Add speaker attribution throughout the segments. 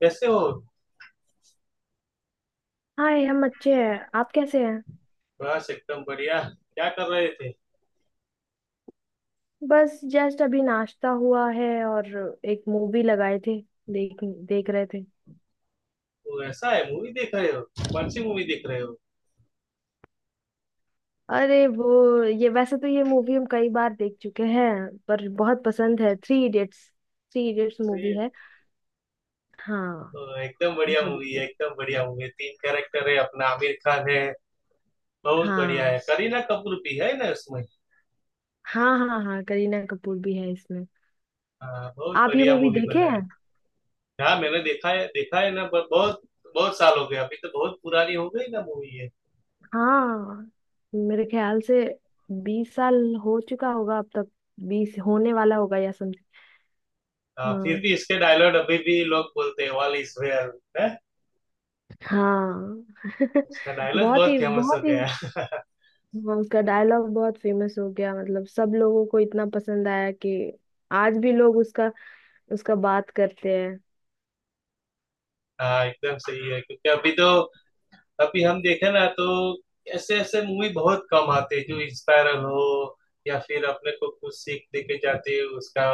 Speaker 1: कैसे हो?
Speaker 2: हाय हम अच्छे हैं। आप कैसे हैं?
Speaker 1: बस एकदम बढ़िया। क्या कर रहे थे?
Speaker 2: बस जस्ट अभी नाश्ता हुआ है और एक मूवी लगाए थे। देख देख रहे थे।
Speaker 1: वो ऐसा है, मूवी देख रहे हो। कौन सी मूवी देख रहे हो?
Speaker 2: अरे वो ये वैसे तो ये मूवी हम कई बार देख चुके हैं, पर बहुत पसंद है। Three Idiots, Three Idiots movie
Speaker 1: अरे,
Speaker 2: है। हाँ
Speaker 1: तो एकदम बढ़िया
Speaker 2: वो
Speaker 1: मूवी
Speaker 2: देखे।
Speaker 1: है, एकदम बढ़िया मूवी है। तीन कैरेक्टर है, अपना आमिर खान है। बहुत बढ़िया है।
Speaker 2: हाँ
Speaker 1: करीना कपूर भी है ना उसमें।
Speaker 2: हाँ हाँ हाँ करीना कपूर भी है इसमें।
Speaker 1: हाँ, बहुत
Speaker 2: आप ये
Speaker 1: बढ़िया
Speaker 2: मूवी
Speaker 1: मूवी
Speaker 2: देखे
Speaker 1: बना
Speaker 2: हैं?
Speaker 1: है। हाँ, मैंने देखा है, देखा है ना। बहुत बहुत साल हो गए। अभी तो बहुत पुरानी हो गई ना मूवी है।
Speaker 2: हाँ, मेरे ख्याल से 20 साल हो चुका होगा अब तक। 20 होने वाला होगा या समथिंग।
Speaker 1: हाँ, फिर
Speaker 2: हाँ।
Speaker 1: भी इसके डायलॉग अभी भी लोग बोलते हैं, वाल इज है।
Speaker 2: हाँ
Speaker 1: उसका डायलॉग
Speaker 2: बहुत
Speaker 1: बहुत
Speaker 2: ही
Speaker 1: फेमस हो
Speaker 2: बहुत ही।
Speaker 1: गया।
Speaker 2: हाँ, उसका डायलॉग बहुत फेमस हो गया, मतलब सब लोगों को इतना पसंद आया कि आज भी लोग उसका उसका बात करते हैं।
Speaker 1: हाँ, एकदम सही है। क्योंकि अभी तो अभी हम देखे ना, तो ऐसे ऐसे मूवी बहुत कम आते हैं जो इंस्पायरल हो या फिर अपने को कुछ सीख दे के जाते हैं। उसका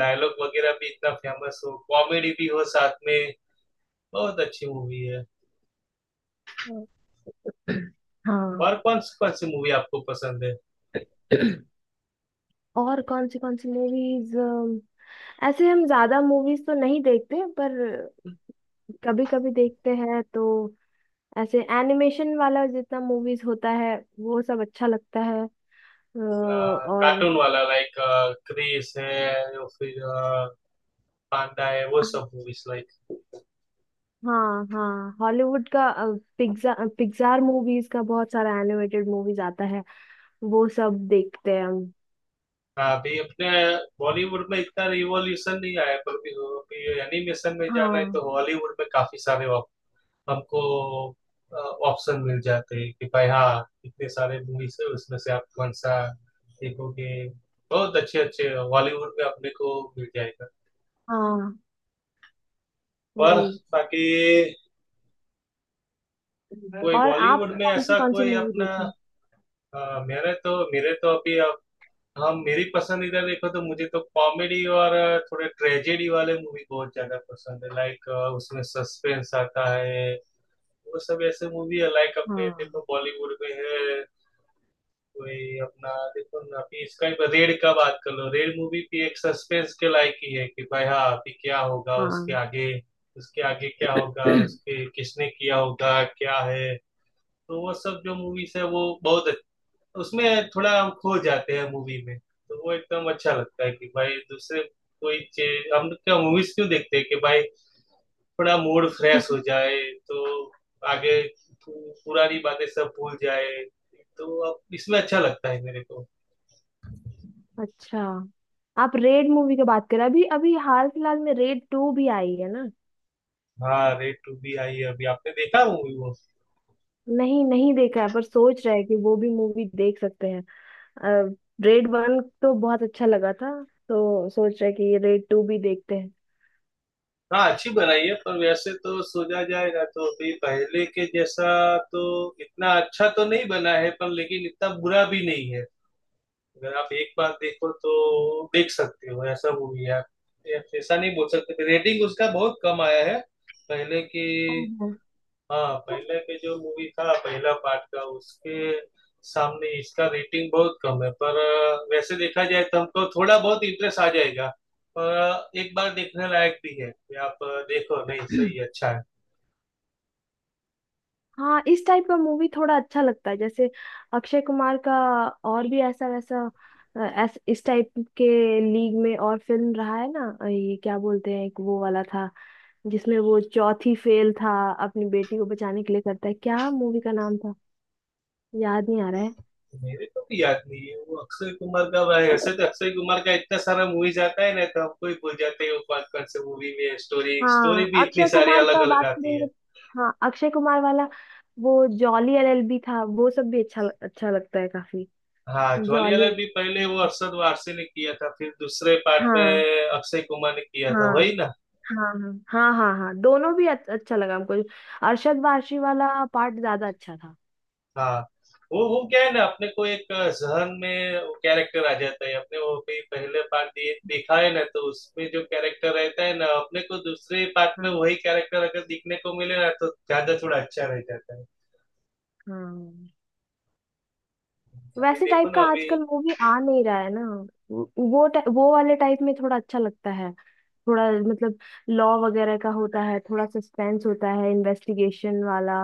Speaker 1: डायलॉग वगैरह भी इतना फेमस हो, कॉमेडी भी हो साथ में, बहुत अच्छी मूवी है।
Speaker 2: हाँ। हाँ।
Speaker 1: और कौन सी मूवी आपको पसंद है?
Speaker 2: और कौन सी मूवीज, ऐसे हम ज्यादा मूवीज तो नहीं देखते पर कभी कभी देखते हैं तो ऐसे एनिमेशन वाला जितना मूवीज होता है वो सब अच्छा लगता है। और
Speaker 1: कार्टून वाला लाइक, क्रिस है या फिर पांडा है, वो सब मूवीज लाइक।
Speaker 2: हाँ हाँ हॉलीवुड का पिक्सार मूवीज का बहुत सारा एनिमेटेड मूवीज आता है, वो सब देखते हैं हम।
Speaker 1: अभी अपने बॉलीवुड में इतना रिवॉल्यूशन नहीं आया, पर भी अभी एनिमेशन में जाना है
Speaker 2: हाँ
Speaker 1: तो हॉलीवुड में काफी सारे आपको ऑप्शन मिल जाते हैं कि भाई हाँ, इतने सारे मूवीज है उसमें से आप कौन सा देखोगे। बहुत अच्छे अच्छे बॉलीवुड में अपने को मिल जाएगा।
Speaker 2: हाँ
Speaker 1: पर
Speaker 2: वही।
Speaker 1: बाकी कोई
Speaker 2: और आप
Speaker 1: बॉलीवुड में ऐसा
Speaker 2: कौन सी
Speaker 1: कोई
Speaker 2: मूवी
Speaker 1: अपना।
Speaker 2: देखे हैं?
Speaker 1: मेरे तो अभी अब हम मेरी पसंदीदा देखो तो, मुझे तो कॉमेडी और थोड़े ट्रेजेडी वाले मूवी बहुत ज्यादा पसंद है, लाइक उसमें सस्पेंस आता है। वो सब ऐसे मूवी है लाइक, अपने
Speaker 2: हाँ
Speaker 1: देखो बॉलीवुड में है। कोई अपना देखो ना, अभी इसका ही रेड का बात कर लो। रेड मूवी भी एक सस्पेंस के लायक ही है कि भाई हाँ, अभी क्या होगा उसके
Speaker 2: हाँ
Speaker 1: आगे, उसके आगे क्या होगा, उसके किसने किया होगा, क्या है। तो वो सब जो मूवीज है वो बहुत, उसमें थोड़ा हम खो जाते हैं मूवी में, तो वो एकदम अच्छा लगता है कि भाई दूसरे कोई चीज। हम क्या मूवीज क्यों देखते हैं कि भाई थोड़ा मूड फ्रेश हो जाए, तो आगे पुरानी बातें सब भूल जाए, तो अब इसमें अच्छा लगता है मेरे को।
Speaker 2: अच्छा, आप रेड मूवी की बात करें, अभी अभी हाल फिलहाल में रेड टू भी आई है ना।
Speaker 1: हाँ, रेड टू भी आई है अभी। आपने देखा मूवी वो?
Speaker 2: नहीं नहीं देखा है पर सोच रहे हैं कि वो भी मूवी देख सकते हैं। रेड वन तो बहुत अच्छा लगा था, तो सोच रहे हैं कि रेड टू भी देखते हैं।
Speaker 1: हाँ, अच्छी बनाई है, पर वैसे तो सोचा जाए ना तो अभी पहले के जैसा तो इतना अच्छा तो नहीं बना है, पर लेकिन इतना बुरा भी नहीं है। अगर आप एक बार देखो तो देख सकते हो, ऐसा मूवी है आप। ऐसा नहीं बोल सकते। रेटिंग उसका बहुत कम आया है पहले की।
Speaker 2: ओहो।
Speaker 1: हाँ, पहले के जो मूवी था पहला पार्ट का, उसके सामने इसका रेटिंग बहुत कम है, पर वैसे देखा जाए तो हमको थोड़ा बहुत इंटरेस्ट आ जाएगा। पर एक बार देखने लायक भी है कि आप देखो, नहीं सही है, अच्छा है।
Speaker 2: हाँ इस टाइप का मूवी थोड़ा अच्छा लगता है जैसे अक्षय कुमार का, और भी ऐसा वैसा इस टाइप के लीग में और फिल्म रहा है ना। ये क्या बोलते हैं, एक वो वाला था जिसमें वो चौथी फेल था, अपनी बेटी को बचाने के लिए करता है। क्या मूवी का नाम था, याद नहीं आ रहा है।
Speaker 1: मेरे को भी याद नहीं है वो अक्षय कुमार का भाई, ऐसे तो अक्षय कुमार का इतना सारा मूवी जाता है ना तो आपको ही भूल जाते हैं वो कौन कौन से मूवी में। स्टोरी स्टोरी
Speaker 2: हाँ
Speaker 1: भी इतनी
Speaker 2: अक्षय
Speaker 1: सारी
Speaker 2: कुमार
Speaker 1: अलग
Speaker 2: का
Speaker 1: अलग
Speaker 2: बात
Speaker 1: आती
Speaker 2: करेंगे।
Speaker 1: है।
Speaker 2: हाँ अक्षय कुमार वाला, वो जॉली एलएलबी था, वो सब भी अच्छा अच्छा लगता है काफी।
Speaker 1: हाँ, ज्वाली
Speaker 2: जॉली
Speaker 1: वाला भी पहले वो
Speaker 2: एलएलबी
Speaker 1: अरशद वारसी ने किया था, फिर दूसरे पार्ट में
Speaker 2: हाँ।
Speaker 1: अक्षय कुमार ने किया था,
Speaker 2: हाँ
Speaker 1: वही ना।
Speaker 2: हाँ हाँ हाँ हाँ हाँ, दोनों भी अच्छा लगा हमको। अरशद वारसी वाला पार्ट ज्यादा अच्छा था।
Speaker 1: हाँ, वो क्या है ना, अपने को एक जहन में वो कैरेक्टर आ जाता है अपने, वो भी पहले पार्ट देखा है ना, तो उसमें जो कैरेक्टर रहता है ना अपने को दूसरे पार्ट में
Speaker 2: हाँ
Speaker 1: वही कैरेक्टर अगर दिखने को मिले ना तो ज्यादा थोड़ा अच्छा रह जाता है।
Speaker 2: हाँ।
Speaker 1: अभी
Speaker 2: वैसे
Speaker 1: देखो
Speaker 2: टाइप का
Speaker 1: ना अभी।
Speaker 2: आजकल मूवी आ नहीं रहा है ना। वो वो वाले टाइप में थोड़ा अच्छा लगता है। थोड़ा मतलब लॉ वगैरह का होता है, थोड़ा सस्पेंस होता है, इन्वेस्टिगेशन वाला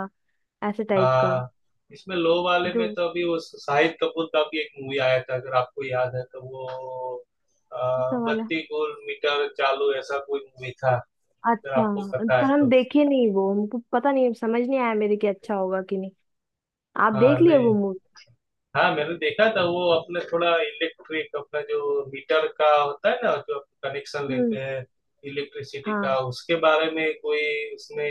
Speaker 2: ऐसे टाइप का।
Speaker 1: हाँ, इसमें लो वाले में
Speaker 2: जो
Speaker 1: तो अभी वो शाहिद कपूर का भी एक मूवी आया था, अगर आपको याद है तो वो
Speaker 2: ऐसा वाला
Speaker 1: बत्ती गुल मीटर चालू, ऐसा कोई मूवी था, अगर
Speaker 2: अच्छा।
Speaker 1: आपको पता है
Speaker 2: पर हम
Speaker 1: तो।
Speaker 2: देखे नहीं वो, हमको पता नहीं, समझ नहीं आया मेरे कि अच्छा होगा कि नहीं। आप
Speaker 1: हाँ
Speaker 2: देख लिए वो
Speaker 1: नहीं,
Speaker 2: मूवी?
Speaker 1: हाँ मैंने देखा था। वो अपना थोड़ा इलेक्ट्रिक, अपना जो मीटर का होता है ना, जो कनेक्शन लेते
Speaker 2: हम्म।
Speaker 1: हैं इलेक्ट्रिसिटी का,
Speaker 2: हाँ।
Speaker 1: उसके बारे में कोई। उसने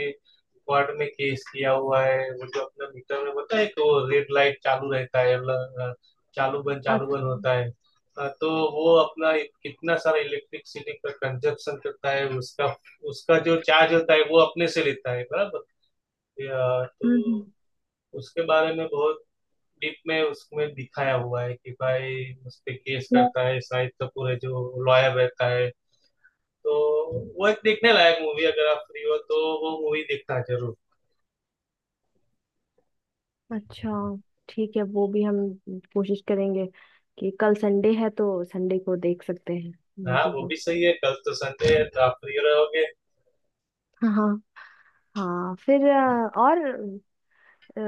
Speaker 1: कोर्ट में केस किया हुआ है। वो जो अपना मीटर में होता है कि वो रेड लाइट चालू रहता है, अ, चालू बंद
Speaker 2: अच्छा।
Speaker 1: होता है। तो वो अपना कितना सारा इलेक्ट्रिसिटी का कंजप्शन करता है उसका उसका जो चार्ज होता है वो अपने से लेता है बराबर। तो
Speaker 2: हम्म हम्म।
Speaker 1: उसके बारे में बहुत डीप में उसमें दिखाया हुआ है कि भाई उस पे केस करता है, शाहिद कपूर है जो लॉयर रहता है। तो वो एक देखने लायक मूवी, अगर आप फ्री हो तो वो मूवी देखना जरूर।
Speaker 2: अच्छा ठीक है वो भी हम कोशिश करेंगे कि कल संडे है तो संडे को देख सकते हैं
Speaker 1: हाँ
Speaker 2: मूवी
Speaker 1: वो
Speaker 2: वो।
Speaker 1: भी सही है, कल तो संडे है तो आप फ्री रहोगे।
Speaker 2: हाँ हाँ फिर और अ,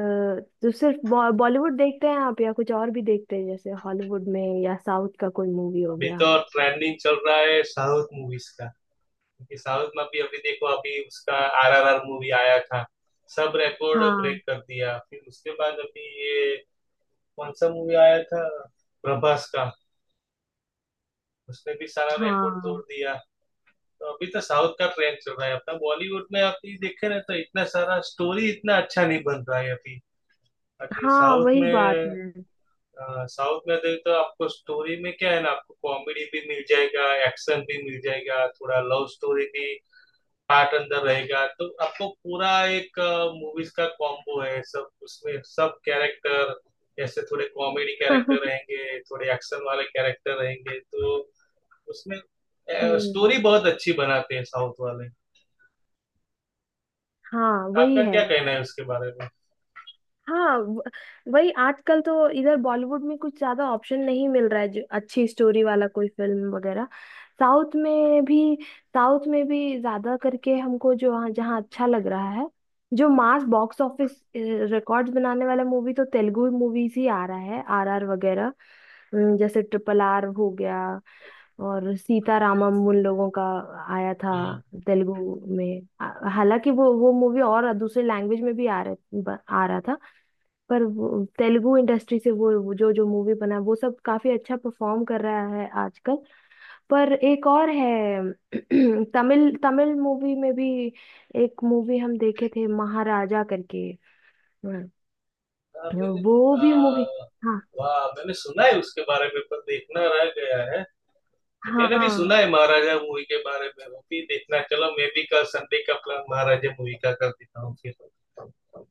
Speaker 2: तो सिर्फ बॉलीवुड देखते हैं आप या कुछ और भी देखते हैं, जैसे हॉलीवुड में या साउथ का कोई मूवी हो
Speaker 1: अभी
Speaker 2: गया?
Speaker 1: तो ट्रेंडिंग चल रहा है साउथ मूवीज का। क्योंकि साउथ में भी अभी देखो, अभी उसका आरआरआर मूवी आया था, सब रिकॉर्ड
Speaker 2: हाँ
Speaker 1: ब्रेक कर दिया। फिर उसके बाद अभी ये कौन सा मूवी आया था, प्रभास का, उसने भी सारा रिकॉर्ड तोड़
Speaker 2: हाँ
Speaker 1: दिया। तो अभी तो साउथ का ट्रेंड चल रहा है। अपना बॉलीवुड में अभी देखे ना, तो इतना सारा स्टोरी इतना अच्छा नहीं बन रहा है अभी। बाकी
Speaker 2: हाँ
Speaker 1: साउथ
Speaker 2: वही बात
Speaker 1: में,
Speaker 2: है।
Speaker 1: साउथ में देख तो आपको स्टोरी में क्या है ना, आपको कॉमेडी भी मिल जाएगा, एक्शन भी मिल जाएगा, थोड़ा लव स्टोरी भी पार्ट अंदर रहेगा। तो आपको पूरा एक मूवीज का कॉम्बो है सब, उसमें सब कैरेक्टर, जैसे थोड़े कॉमेडी कैरेक्टर रहेंगे, थोड़े एक्शन वाले कैरेक्टर रहेंगे। तो उसमें
Speaker 2: हम्म।
Speaker 1: स्टोरी बहुत अच्छी बनाते हैं साउथ वाले।
Speaker 2: हाँ वही
Speaker 1: आपका
Speaker 2: है।
Speaker 1: क्या कहना है उसके बारे में?
Speaker 2: हाँ वही आजकल तो इधर बॉलीवुड में कुछ ज्यादा ऑप्शन नहीं मिल रहा है, जो अच्छी स्टोरी वाला कोई फिल्म वगैरह। साउथ में भी, साउथ में भी ज्यादा करके हमको जो हाँ, जहाँ अच्छा लग रहा है, जो मास बॉक्स ऑफिस रिकॉर्ड्स बनाने वाला मूवी तो तेलुगु मूवीज ही आ रहा है आरआर वगैरह। जैसे ट्रिपल आर हो गया, और सीतारामम उन लोगों का आया था
Speaker 1: हम्म,
Speaker 2: तेलुगु में। आ- हालांकि वो मूवी और दूसरे लैंग्वेज में भी आ रहा था, पर वो तेलुगु इंडस्ट्री से वो जो जो मूवी बना वो सब काफी अच्छा परफॉर्म कर रहा है आजकल। पर एक और है। तमिल तमिल मूवी में भी एक मूवी हम देखे थे, महाराजा करके। हम्म,
Speaker 1: हाँ, मैंने
Speaker 2: वो भी मूवी।
Speaker 1: आ,
Speaker 2: हाँ
Speaker 1: वाह मैंने सुना है उसके बारे में, पर देखना रह गया है। मैंने भी
Speaker 2: हाँ।
Speaker 1: सुना है महाराजा मूवी के बारे में, वो भी देखना। चलो, मैं भी कल संडे का प्लान महाराजा मूवी का कर देता हूँ फिर।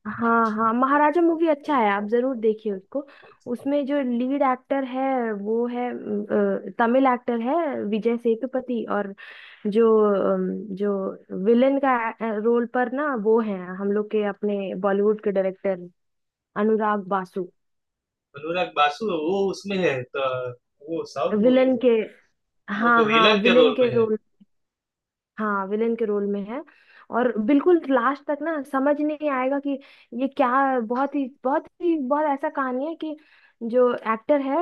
Speaker 2: हाँ हाँ महाराजा मूवी अच्छा है, आप जरूर देखिए उसको। उसमें जो लीड एक्टर है वो है तमिल एक्टर है, विजय सेतुपति। और जो अम, जो विलेन का रोल पर ना, वो है हम लोग के अपने बॉलीवुड के डायरेक्टर अनुराग बासु।
Speaker 1: अनुराग बासु है, वो उसमें है तो। वो साउथ मूवी
Speaker 2: विलेन
Speaker 1: में
Speaker 2: के, हाँ
Speaker 1: वो
Speaker 2: हाँ
Speaker 1: विलन के
Speaker 2: विलेन
Speaker 1: रोल में
Speaker 2: के
Speaker 1: है।
Speaker 2: रोल, हाँ विलेन के रोल में है। और बिल्कुल लास्ट तक ना समझ नहीं आएगा कि ये क्या, बहुत ही बहुत ही बहुत ऐसा कहानी है कि जो एक्टर है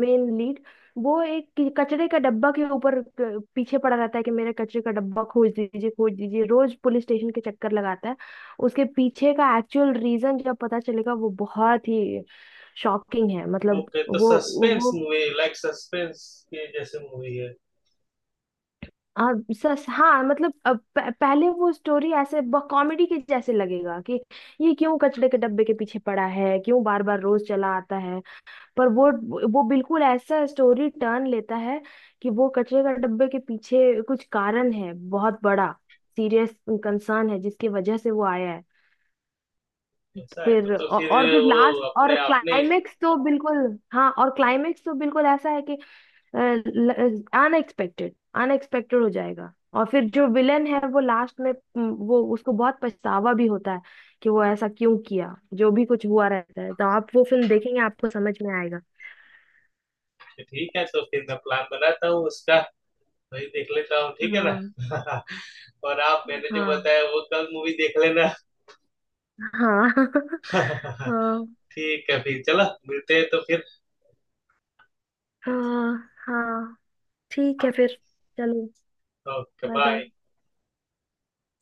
Speaker 2: मेन लीड, वो एक कचरे का डब्बा के ऊपर पीछे पड़ा रहता है कि मेरे कचरे का डब्बा खोज दीजिए खोज दीजिए, रोज पुलिस स्टेशन के चक्कर लगाता है। उसके पीछे का एक्चुअल रीजन जब पता चलेगा वो बहुत ही शॉकिंग है, मतलब
Speaker 1: ओके, तो
Speaker 2: वो।
Speaker 1: सस्पेंस
Speaker 2: वो
Speaker 1: मूवी लाइक, सस्पेंस के जैसे मूवी है।
Speaker 2: हाँ सस हाँ मतलब अब पहले वो स्टोरी ऐसे कॉमेडी के जैसे लगेगा कि ये क्यों कचड़े के डब्बे के पीछे पड़ा है, क्यों बार बार रोज चला आता है। पर वो बिल्कुल ऐसा स्टोरी टर्न लेता है कि वो कचड़े का डब्बे के पीछे कुछ कारण है, बहुत बड़ा सीरियस कंसर्न है जिसकी वजह से वो आया है।
Speaker 1: ऐसा है तो
Speaker 2: फिर
Speaker 1: तो फिर
Speaker 2: और फिर
Speaker 1: वो
Speaker 2: लास्ट और
Speaker 1: अपने आपने।
Speaker 2: क्लाइमेक्स तो बिल्कुल, हाँ और क्लाइमेक्स तो बिल्कुल ऐसा है कि अनएक्सपेक्टेड, अनएक्सपेक्टेड हो जाएगा। और फिर जो विलेन है वो लास्ट में वो उसको बहुत पछतावा भी होता है कि वो ऐसा क्यों किया जो भी कुछ हुआ रहता है। तो आप वो फिल्म देखेंगे आपको समझ में आएगा।
Speaker 1: ठीक है, तो फिर मैं प्लान बनाता हूँ उसका। वही देख लेता हूँ, ठीक है
Speaker 2: हाँ
Speaker 1: ना। और आप, मैंने जो
Speaker 2: हाँ
Speaker 1: बताया वो कल मूवी देख लेना।
Speaker 2: हाँ हाँ
Speaker 1: ठीक है फिर, चलो मिलते हैं तो फिर।
Speaker 2: हाँ हाँ ठीक है फिर चलो।
Speaker 1: Okay,
Speaker 2: bye bye.
Speaker 1: बाय।